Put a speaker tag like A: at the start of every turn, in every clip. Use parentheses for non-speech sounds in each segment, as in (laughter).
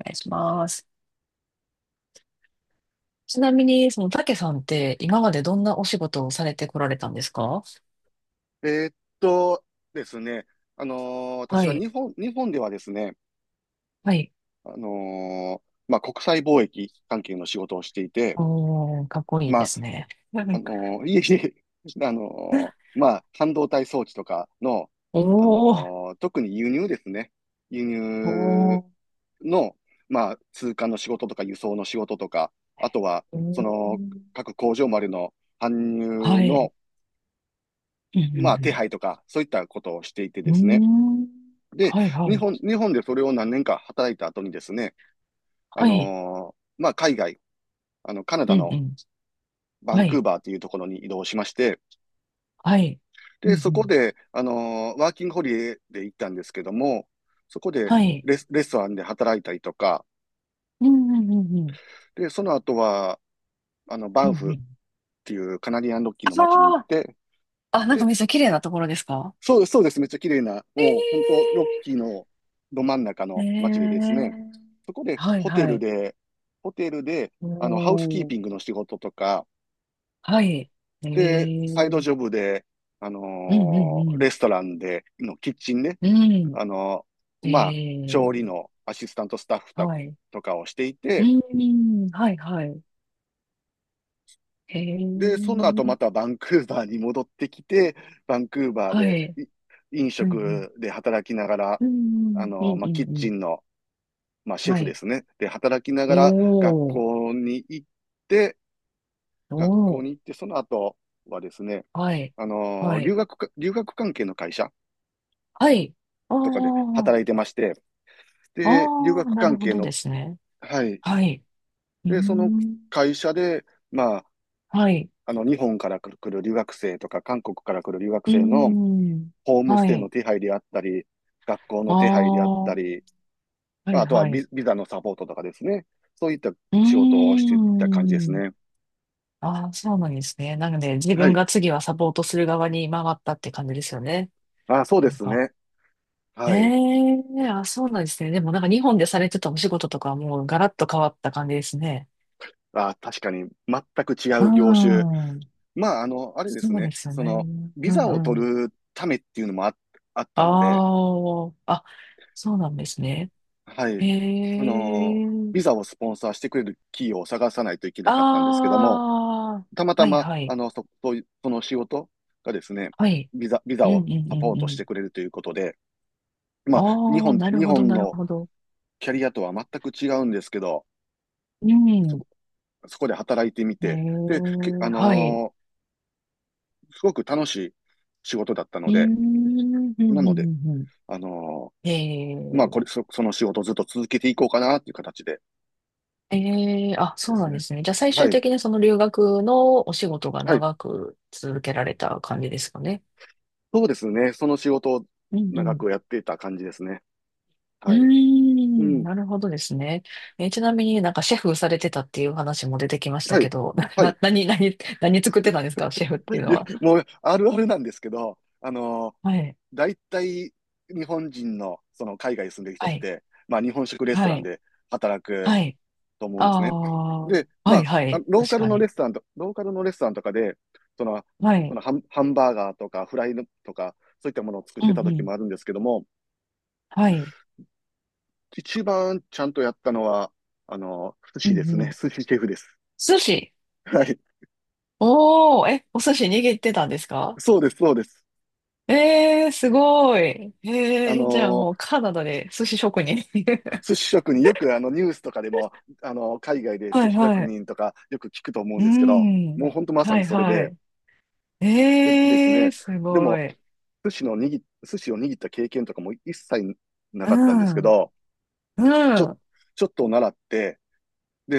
A: お願いします。ちなみに、その、たけさんって、今までどんなお仕事をされてこられたんですか？
B: えーっとですね、
A: は
B: 私は
A: い。
B: 日本ではですね、
A: はい。
B: あのーまあ、国際貿易関係の仕事をしていて、
A: おー、かっこいい
B: ま
A: で
B: あ、
A: すね。(laughs)
B: いえいえ、(laughs) まあ、半導体装置とかの、
A: おー。
B: 特に輸入ですね、輸
A: お
B: 入
A: ー。
B: の、まあ、通関の仕事とか輸送の仕事とか、あとは、
A: え
B: その、
A: ー、
B: 各工場までの搬入
A: はい。
B: の、
A: うん、う
B: まあ、手
A: ん、
B: 配とか、そういったことをしていて
A: う
B: ですね、
A: ん。うーん。
B: で、
A: はい、は
B: 日
A: い。
B: 本、日本でそれを何年か働いた後にですね、あ
A: はい。
B: のまあ、海外、カナ
A: う
B: ダ
A: ん、う
B: の
A: ん。
B: バン
A: は
B: クー
A: い。
B: バーというところに移動しまして、
A: はい。うん、
B: で、
A: う
B: そこ
A: ん。
B: で、ワーキングホリデーで行ったんですけども、そこで
A: はい。
B: レストランで働いたりとか、
A: うん、うん、うん、うん。
B: で、その後は、
A: う
B: バ
A: ん、
B: ン
A: う
B: フっ
A: ん。
B: ていうカナディアンロッキーの街に行っ
A: あ
B: て、
A: あ、あ、なんかめっちゃ綺麗なところですか？
B: そうです、そうです。めっちゃ綺麗な、もう本当、
A: え
B: ロッキーのど真ん中
A: えー、ええ
B: の街でですね、
A: ー。
B: そこで
A: はい
B: ホテ
A: は
B: ル
A: い。
B: で、ホテルで、
A: お
B: ハウスキー
A: ー。
B: ピングの仕事とか、
A: はい。ええ、
B: で、サイ
A: う
B: ド
A: ん。
B: ジョブで、あの
A: うんうん。
B: レストランでのキッチンね、
A: う
B: あの
A: ん。
B: まあ、
A: え
B: 調理
A: え、
B: のアシスタントスタッフと
A: は
B: か
A: い。
B: とかをしてい
A: う
B: て、
A: ん、はいはい。
B: で、その後ま
A: ええ、
B: たバンクーバーに戻ってきて、バンクーバー
A: は
B: で
A: い。
B: 飲
A: うん
B: 食で働きながら、
A: うん。うんうん
B: まあ、
A: うん
B: キッ
A: うんう
B: チ
A: ん。
B: ンのまあ、シェ
A: は
B: フで
A: い。
B: すね。で、働きながら
A: おー。
B: て、
A: お
B: 学校
A: ー。
B: に行って、その後はですね、
A: はい。は
B: 留
A: い。
B: 学か、留学関係の会社
A: はい。あ
B: とかで
A: あ。
B: 働いてまして、で、留
A: ああ、
B: 学
A: なる
B: 関
A: ほ
B: 係
A: ど
B: の、
A: ですね。
B: はい。
A: はい。うー
B: で、その
A: ん。
B: 会社で、まあ、
A: はい。
B: 日本から来る留学生とか、韓国から来る留学
A: うー
B: 生の
A: ん。
B: ホームス
A: は
B: テイ
A: い。
B: の手配であったり、学校
A: あ
B: の
A: あ、
B: 手配であった
A: は
B: り、ま
A: い
B: あとは
A: はい。
B: ビビザのサポートとかですね。そういった
A: うー
B: 仕事をしていた感じです
A: ん。
B: ね。
A: ああ、そうなんですね。なので、自
B: は
A: 分
B: い。
A: が次はサポートする側に回ったって感じですよね。
B: あ、そうで
A: なん
B: す
A: か。
B: ね。
A: え
B: はい。
A: えー、あ、そうなんですね。でもなんか日本でされてたお仕事とかはもうガラッと変わった感じですね。
B: あ、確かに、全く違
A: う
B: う業種。
A: ん。
B: まあ、あれです
A: そうで
B: ね。
A: すよ
B: そ
A: ね。
B: の、ビ
A: う
B: ザを
A: んう
B: 取
A: ん。
B: るためっていうのもあったので、
A: ああ、あ、そうなんですね。
B: は
A: え
B: い。その、
A: え
B: ビ
A: ー、
B: ザをスポンサーしてくれる企業を探さないといけなかったんですけど
A: あ
B: も、
A: あ、
B: たまた
A: はい
B: ま、
A: はい。
B: そういうその仕事がですね、
A: はい。
B: ビザ、ビ
A: う
B: ザ
A: んう
B: を
A: ん
B: サ
A: う
B: ポー
A: んう
B: トし
A: ん。
B: てくれるということで、まあ、日
A: ああ、
B: 本、
A: なる
B: 日
A: ほど
B: 本
A: なる
B: の
A: ほど。
B: キャリアとは全く違うんですけど、
A: う
B: そ
A: ん。
B: こ、そこで働いてみ
A: え
B: て、で、
A: え、はい。
B: すごく楽しい仕事だったの
A: うー
B: で、
A: ん、うん、う
B: な
A: ん、う
B: ので、
A: ん。うん、
B: あの
A: え
B: まあ、こ
A: え、
B: れ、その仕事をずっと続けていこうかなっていう形で
A: ええ、あ、
B: で
A: そう
B: す
A: なんで
B: ね。
A: すね。じゃあ最終
B: はい。
A: 的にその留学のお仕事が
B: はい。
A: 長く続けられた感じですかね。
B: そうですね。その仕事を
A: うん、う
B: 長
A: ん。
B: くやっていた感じですね。
A: うー
B: はい。う
A: ん、
B: ん。
A: なるほどですね。えー、ちなみになんかシェフされてたっていう話も出てきまし
B: は
A: たけ
B: い。
A: ど、(laughs) な、
B: はい。い
A: な、何、何、何作ってたんですか、シェフっていうの
B: や、
A: は？
B: もう、あるあるなんですけど、
A: はい、
B: 大体、日本人の、その海外に住んでる人
A: は
B: っ
A: い、
B: て、まあ、日本食レスト
A: は
B: ラン
A: い、
B: で働く
A: はい。
B: と思うん
A: あ
B: ですね。
A: あ、
B: で、
A: はい、
B: ま
A: は
B: あ、
A: い、
B: ロー
A: 確
B: カル
A: か
B: のレ
A: に。
B: ストランと、ローカルのレストランとかで、その、
A: は
B: そ
A: い、
B: のハンバーガーとかフライとか、そういったものを作っ
A: うん、
B: て
A: う
B: た時
A: ん、
B: もあるんですけども、
A: はい、
B: 一番ちゃんとやったのは、寿
A: うん、
B: 司です
A: う
B: ね。
A: ん。
B: 寿司シェフです。
A: 寿司。
B: はい。
A: おー、え、お寿司握ってたんですか？
B: そうです、そうです。
A: えー、すごい。え
B: あ
A: ー、じゃあ
B: の
A: もう
B: ー
A: カナダで寿司職人。(laughs)
B: 寿司職人、よくニュースとかでも、海外で
A: は
B: 寿
A: い
B: 司職
A: はい。
B: 人とかよく聞くと思うん
A: う
B: ですけど、もう
A: ん。
B: 本当まさ
A: は
B: に
A: い
B: それ
A: は
B: で、
A: い。
B: でです
A: えー、
B: ね、
A: す
B: で
A: ご
B: も、
A: い。
B: 寿司を握った経験とかも一切な
A: う
B: かったんですけ
A: ん。
B: ど、ち
A: う
B: ょ、
A: ん。
B: ちょっと習って、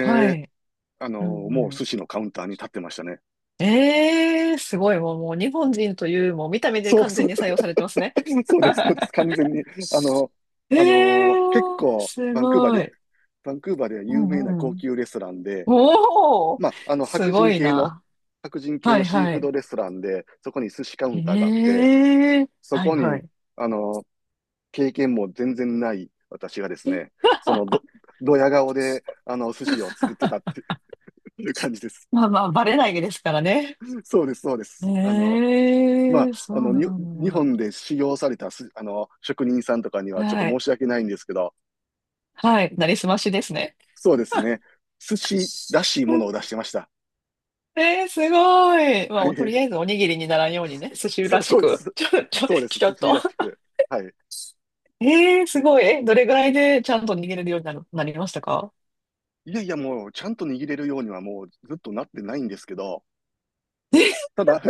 A: はい。う
B: もう
A: ん
B: 寿
A: う
B: 司のカウンターに立ってましたね。
A: ん。えー、すごい。もう、もう日本人という、もう見た目で
B: そう
A: 完
B: そ
A: 全
B: う、
A: に採用されてますね。
B: (laughs) そうです、そうです。完全に。あの、
A: え
B: 結
A: ー、
B: 構、
A: す
B: バンクーバー
A: ご
B: で、
A: い。
B: バンクーバーでは
A: う
B: 有名な
A: んう
B: 高
A: ん。
B: 級レストランで、
A: おー。
B: まあ、
A: す
B: 白
A: ご
B: 人
A: い
B: 系の、
A: な。
B: 白人系
A: は
B: の
A: い
B: シー
A: は
B: フー
A: い。
B: ドレストランで、そこに寿司カウンターがあっ
A: え
B: て、
A: え、
B: そ
A: はい
B: こ
A: は
B: に、
A: い。
B: あの経験も全然ない私がですね、そのど、
A: (laughs)
B: ドヤ顔で、寿司を作ってたっていう感じです。
A: まあまあ、バレないですからね。
B: そうです、そうです。
A: え
B: まあ、
A: え、そうな
B: 日
A: ん
B: 本で修行された職人さんとかに
A: だ。
B: はちょっと
A: は
B: 申
A: い。
B: し訳ないんですけど、
A: はい。なりすましですね。
B: そうですね、寿司らしい
A: (laughs) う
B: も
A: ん。
B: のを出してました。
A: えー、すごい。まあ、
B: は
A: もうとり
B: い。
A: あえずおにぎりにならんようにね、
B: (laughs)
A: 寿司
B: そ
A: ら
B: う、
A: し
B: そうで
A: く、
B: す。
A: (laughs)
B: そうです。
A: ちょ
B: 寿
A: っ
B: 司
A: と。
B: らしく。はい。
A: えー、すごい。え、どれぐらいでちゃんと握れるようになりましたか？
B: いやいや、もう、ちゃんと握れるようにはもうずっとなってないんですけど、
A: え。 (laughs)
B: ただ、(laughs)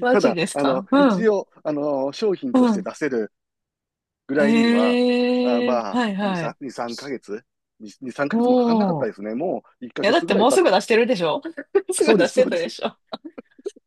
A: マ
B: た
A: ジ
B: だ、
A: ですか？う
B: 一
A: ん、
B: 応、商品と
A: う
B: して
A: ん。
B: 出せるぐ
A: え
B: らいには、あ
A: ー、
B: まあ、
A: はい
B: 2、
A: はい。
B: 3、2、3ヶ月 ?2、3ヶ月もかかんなかっ
A: お
B: た
A: ー。
B: ですね。もう1
A: いや、
B: ヶ
A: だっ
B: 月ぐ
A: て
B: らい
A: もうすぐ出してるでしょ？ (laughs) す
B: そ
A: ぐ
B: うで
A: 出
B: す、
A: し
B: そ
A: て
B: うで
A: たで
B: す。
A: しょ？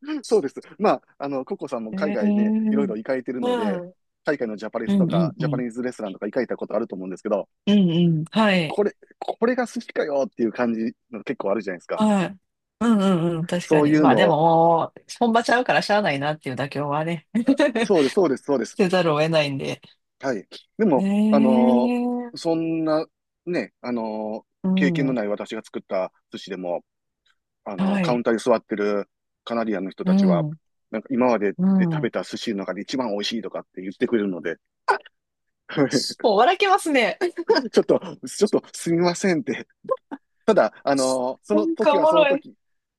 B: (laughs) そうです。まあ、ココさんも
A: え
B: 海
A: え
B: 外ね、いろい
A: ー。
B: ろ行かれてるので、
A: はい。
B: 海外のジャパレ
A: う
B: スと
A: んう
B: か、
A: んう
B: ジャパニ
A: ん。
B: ーズレストランとか行かれたことあると思うんですけど、
A: うんうん。はい。
B: これが寿司かよっていう感じの結構あるじゃないですか。
A: はい。うんうんうん。確
B: そ
A: か
B: うい
A: に。
B: う
A: まあ
B: の
A: でも
B: を、
A: もう、本場ちゃうからしゃあないなっていう妥協はね。(laughs)
B: そうです、そうです、そうです。
A: せざるを得ないんで。
B: はい。で
A: ええ
B: も、
A: ー。
B: そんな、ね、
A: う
B: 経験の
A: ん。
B: ない私が作った寿司でも、
A: は
B: カウン
A: い。
B: ターに座ってるカナディアンの人
A: う
B: たちは、
A: ん。
B: なんか今まで
A: う
B: で食べ
A: ん。
B: た寿司の中で一番美味しいとかって言ってくれるので、(laughs)
A: もう笑けますね。
B: ちょっと、ちょっとすみませんって。ただ、そ
A: な
B: の
A: んか
B: 時
A: お
B: は
A: も
B: その
A: ろい。
B: 時、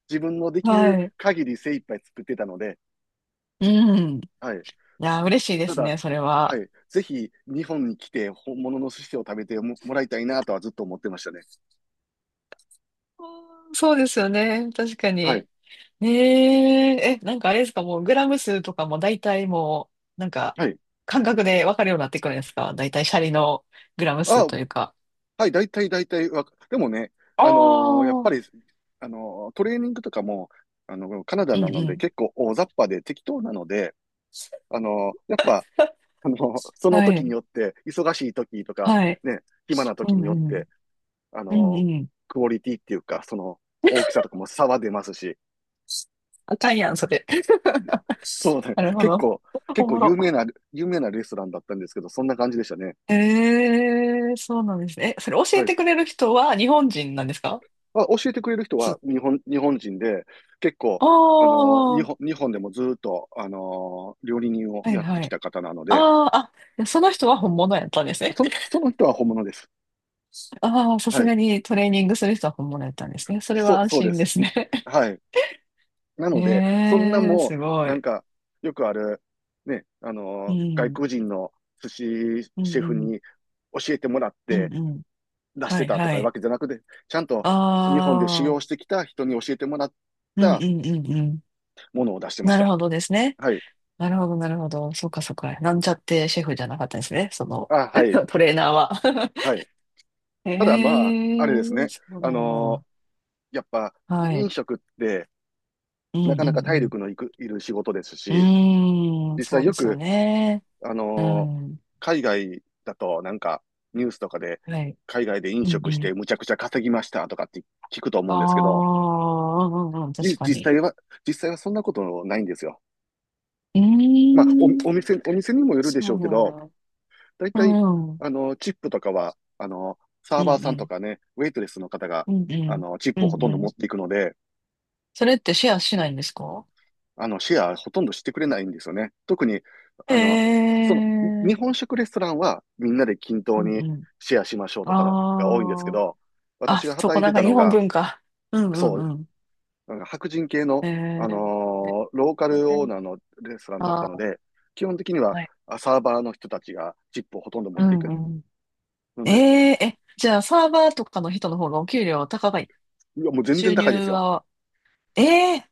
B: 自分のできる
A: はい。
B: 限り精一杯作ってたので、
A: うん。い
B: はい。
A: や、嬉しいで
B: た
A: す
B: だ、
A: ね、それ
B: は
A: は。
B: い。ぜひ日本に来て本物の寿司を食べても、もらいたいなとはずっと思ってましたね。
A: うん、そうですよね。確かに。
B: はい。
A: えええ、なんかあれですか、もうグラム数とかも大体もう、なんか
B: はい。
A: 感覚でわかるようになってくるんですか、大体シャリのグラム数
B: あ、
A: というか。
B: はい、大体でもね、
A: あ
B: やっ
A: あ、う
B: ぱり、
A: ん
B: トレーニングとかも、カナダ
A: う
B: なので
A: ん。
B: 結構大雑把で適当なので、やっぱ、
A: (laughs)
B: その
A: は
B: 時に
A: い、
B: よって、忙しい時とか、
A: はい。
B: ね、暇な
A: う
B: 時に
A: んう
B: よって、
A: ん。
B: あ
A: うん
B: のー
A: うん。
B: クオリティっていうか、その大き
A: (laughs)
B: さとかも差は出ますし、
A: あかんやん、それ。
B: そう
A: (laughs)
B: ね、
A: なるほ
B: 結
A: ど。
B: 構、結
A: お
B: 構
A: も
B: 有名
A: ろ。
B: な、有名なレストランだったんですけど、そんな感じでしたね。
A: ええ、そうなんですね。え、それ教え
B: はい。
A: てくれる人は日本人なんですか？
B: あ、教えてくれる人
A: す、
B: は日本人で、結構、
A: ああ、
B: 日
A: は
B: 本、日本でもずっと、料理人を
A: い
B: やって
A: は
B: き
A: い。
B: た方なので、
A: ああ、あ、その人は本物やったんですね。
B: その人は本物です。
A: ああ、さ
B: は
A: すが
B: い。
A: にトレーニングする人は本物やったんですね。それ
B: そ
A: は
B: う、
A: 安
B: そうで
A: 心で
B: す。
A: すね。(laughs)
B: はい。なので、そんな
A: ええ、
B: も
A: す
B: う、
A: ご
B: なん
A: い。
B: か、よくある、ね、
A: う
B: 外
A: ん。
B: 国人の寿司
A: う
B: シェ
A: んう
B: フ
A: ん。
B: に教えてもらっ
A: う
B: て
A: んうん。
B: 出し
A: は
B: て
A: い
B: たと
A: は
B: かいう
A: い。
B: わけじゃなくて、ちゃんと日本で修
A: あ
B: 行して
A: あ。
B: きた人に教えてもらっ
A: うんう
B: た
A: んうんうん。
B: ものを出してまし
A: なる
B: た。
A: ほどですね。
B: はい。
A: なるほどなるほど。そうかそうか。なんちゃってシェフじゃなかったんですね。その、
B: あ、はい。
A: (laughs) トレーナーは。(laughs)
B: はい。
A: え
B: ただまあ、
A: え、
B: あれですね。
A: そう
B: あ
A: なん
B: の
A: だ。
B: ーやっぱ
A: は
B: 飲
A: い。
B: 食って
A: うん
B: なか
A: う
B: なか体
A: ん
B: 力のいく、いる仕事です
A: う
B: し、
A: ん。うーん、
B: 実
A: そ
B: 際
A: うで
B: よ
A: すよ
B: く、
A: ね。
B: あ
A: う
B: のー
A: ん。
B: 海外だとなんかニュースとかで
A: はい。
B: 海外で飲
A: うんう
B: 食して
A: ん。
B: むちゃくちゃ稼ぎましたとかって聞くと思
A: あ
B: うんですけど、
A: あ、うんうんうん、確
B: じ
A: か
B: 実
A: に。
B: 際は、実際はそんなことないんですよ。
A: ええ
B: まあ、お、お
A: ー、
B: 店、お店にもよるで
A: そ
B: し
A: うな
B: ょうけど、
A: の？
B: だいたい、チップとかは、サ
A: う
B: ーバー
A: んう
B: さんと
A: ん
B: かね、ウェイトレスの方が、
A: うん、うん
B: チッ
A: う
B: プをほ
A: ん、う
B: と
A: ん
B: んど
A: うん。
B: 持っていくので、
A: それってシェアしないんですか？
B: シェアほとんどしてくれないんですよね。特に、
A: え
B: あ
A: え
B: の、日
A: ー、
B: 本食レストランはみんなで均
A: う
B: 等
A: ん
B: に
A: うん。
B: シェアしましょうとかが多いんですけ
A: あ
B: ど、
A: あ、あ、
B: 私が
A: そ
B: 働
A: こ
B: い
A: な
B: て
A: んか
B: た
A: 日
B: の
A: 本
B: が、
A: 文化。うんう
B: そう、
A: んうん。
B: なんか白人系の、
A: え
B: ローカルオー
A: ー、
B: ナーのレストランだった
A: あ
B: の
A: ー、
B: で、基本的には
A: はい。
B: サーバーの人たちがチップをほとんど持
A: う
B: ってい
A: ん
B: く。
A: うん。
B: な
A: え
B: ので、
A: ええ、じゃあサーバーとかの人の方がお給料高い？
B: いや、もう全然
A: 収
B: 高いで
A: 入
B: すよ。
A: は、ええ、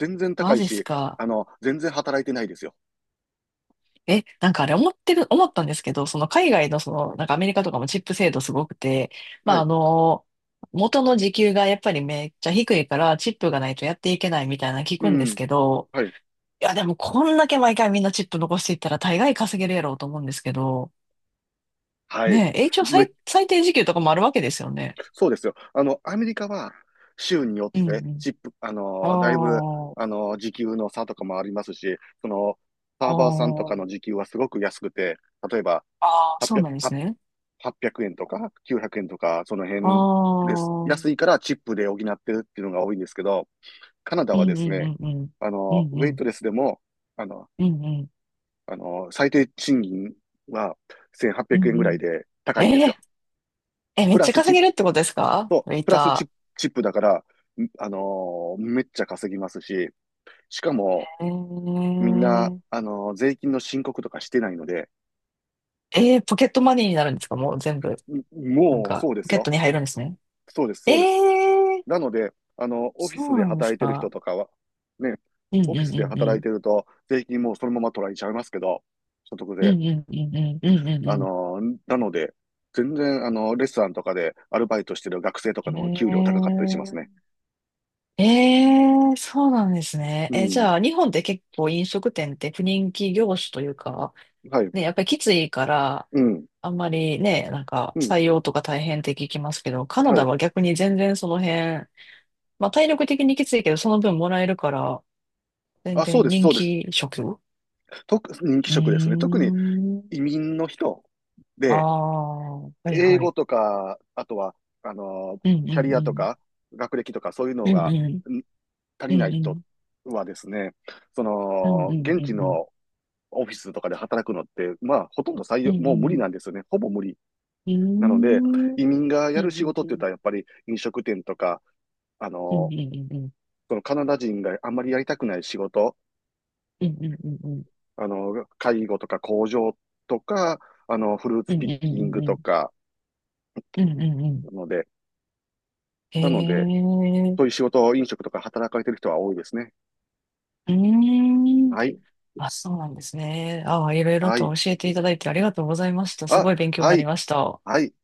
B: 全然高
A: マ
B: い
A: ジっす
B: し、
A: か。
B: 全然働いてないですよ。
A: え、なんかあれ思ったんですけど、その海外のその、なんかアメリカとかもチップ制度すごくて、ま
B: は
A: ああ
B: い。
A: の、元の時給がやっぱりめっちゃ低いからチップがないとやっていけないみたいなの聞
B: う
A: くんです
B: ん。
A: けど、
B: はい。
A: いやでもこんだけ毎回みんなチップ残していったら大概稼げるやろうと思うんですけど、
B: はい。
A: ねえ、一応
B: め
A: 最低時給とかもあるわけですよね。
B: そうですよ。アメリカは州によ
A: うん
B: って
A: うん。
B: チップ、だいぶ、
A: ああ、
B: 時給の差とかもありますし、その、
A: あ
B: サーバーさんと
A: あ、
B: かの時給はすごく安くて、例えば
A: ああ、そうなんです
B: 800、
A: ね。
B: 円とか900円とか、その
A: あ
B: 辺です。
A: あ、うん
B: 安いからチップで補ってるっていうのが多いんですけど、カナダ
A: う
B: はで
A: んう
B: す
A: ん
B: ね、
A: うん。うん
B: ウ
A: う
B: ェイ
A: ん。
B: トレスでも、あの、
A: うんうん。
B: 最低賃金は1800
A: うん
B: 円ぐ
A: う
B: らい
A: ん。
B: で高いんで
A: え
B: すよ。
A: ええ、め
B: プ
A: っ
B: ラ
A: ちゃ
B: スチ
A: 稼
B: ップ、
A: げるってことですか、ウェイ
B: プラスチッ
A: タ
B: プ、チップだから、めっちゃ稼ぎますし、しかも、
A: ー。え
B: みんな、
A: ー、
B: 税金の申告とかしてないので、
A: えー、ポケットマネーになるんですか、もう全部。
B: ん
A: なん
B: もう、
A: か、
B: そうで
A: ポ
B: す
A: ケッ
B: よ。
A: トに入るんですね。
B: そうです、
A: え
B: そうです。
A: ー、
B: なので、オフィ
A: そ
B: ス
A: う
B: で
A: なんです
B: 働いてる人
A: か？
B: とかは、ね、
A: うんう
B: オフィ
A: ん
B: ス
A: う
B: で
A: んう
B: 働い
A: ん。
B: てると、税金もうそのまま取られちゃいますけど、所得
A: う
B: 税。
A: んうんうんうんうんうん
B: なので、全然、レストランとかでアルバイトしてる学生とかの方が給料
A: う
B: 高かったりします
A: ん。
B: ね。
A: えー、えー、そうなんですね。
B: う
A: え、じ
B: ん。
A: ゃあ、日本って結構飲食店って不人気業種というか、
B: はい。
A: ね、やっぱりきついから、
B: うん。
A: あんまりね、なんか
B: うん。
A: 採用とか大変って聞きますけど、カナ
B: は
A: ダ
B: い。
A: は逆に全然その辺、まあ体力的にきついけど、その分もらえるから、全
B: あ、そう
A: 然
B: です、
A: 人
B: そうです。
A: 気職。う
B: と人気
A: ー
B: 職ですね。特に
A: ん。
B: 移民の人
A: あ
B: で、
A: あ、はい
B: 英
A: は
B: 語
A: い。
B: とか、あとは、あの、
A: うんう
B: キャリ
A: ん
B: ア
A: う
B: と
A: ん。
B: か、学歴とか、そういうの
A: うん
B: が
A: うん。
B: ん足
A: う
B: りない
A: んう
B: 人
A: ん。
B: はですね、そ
A: うん
B: の、
A: うんう
B: 現地
A: んうん。
B: のオフィスとかで働くのって、まあ、ほとんど採
A: う
B: 用、
A: ん
B: も
A: う
B: う無理な
A: ん。
B: んですよね。ほぼ無理。
A: うー
B: なので、
A: ん。う
B: 移
A: ん
B: 民が
A: う
B: やる仕
A: ん
B: 事っ
A: う
B: て言っ
A: ん。
B: たら、やっぱり飲食店とか、あ
A: うんうん
B: の、
A: うんうん。
B: そのカナダ人があんまりやりたくない仕事、
A: うんうんうんうん。
B: 介護とか工場とか、フルー
A: う
B: ツピッ
A: んうんう
B: キン
A: ん
B: グ
A: う
B: と
A: ん。
B: か、
A: うんうんうん。
B: ので、
A: へ
B: なので、
A: え。う
B: そういう仕事、飲食とか働かれてる人は多いですね。
A: ーん。
B: はい、
A: あ、そうなんですね。ああ、いろいろ
B: はい、
A: と教えていただいてありがとうございました。す
B: あ、
A: ごい勉強に
B: は
A: なり
B: い、
A: ました。
B: はい。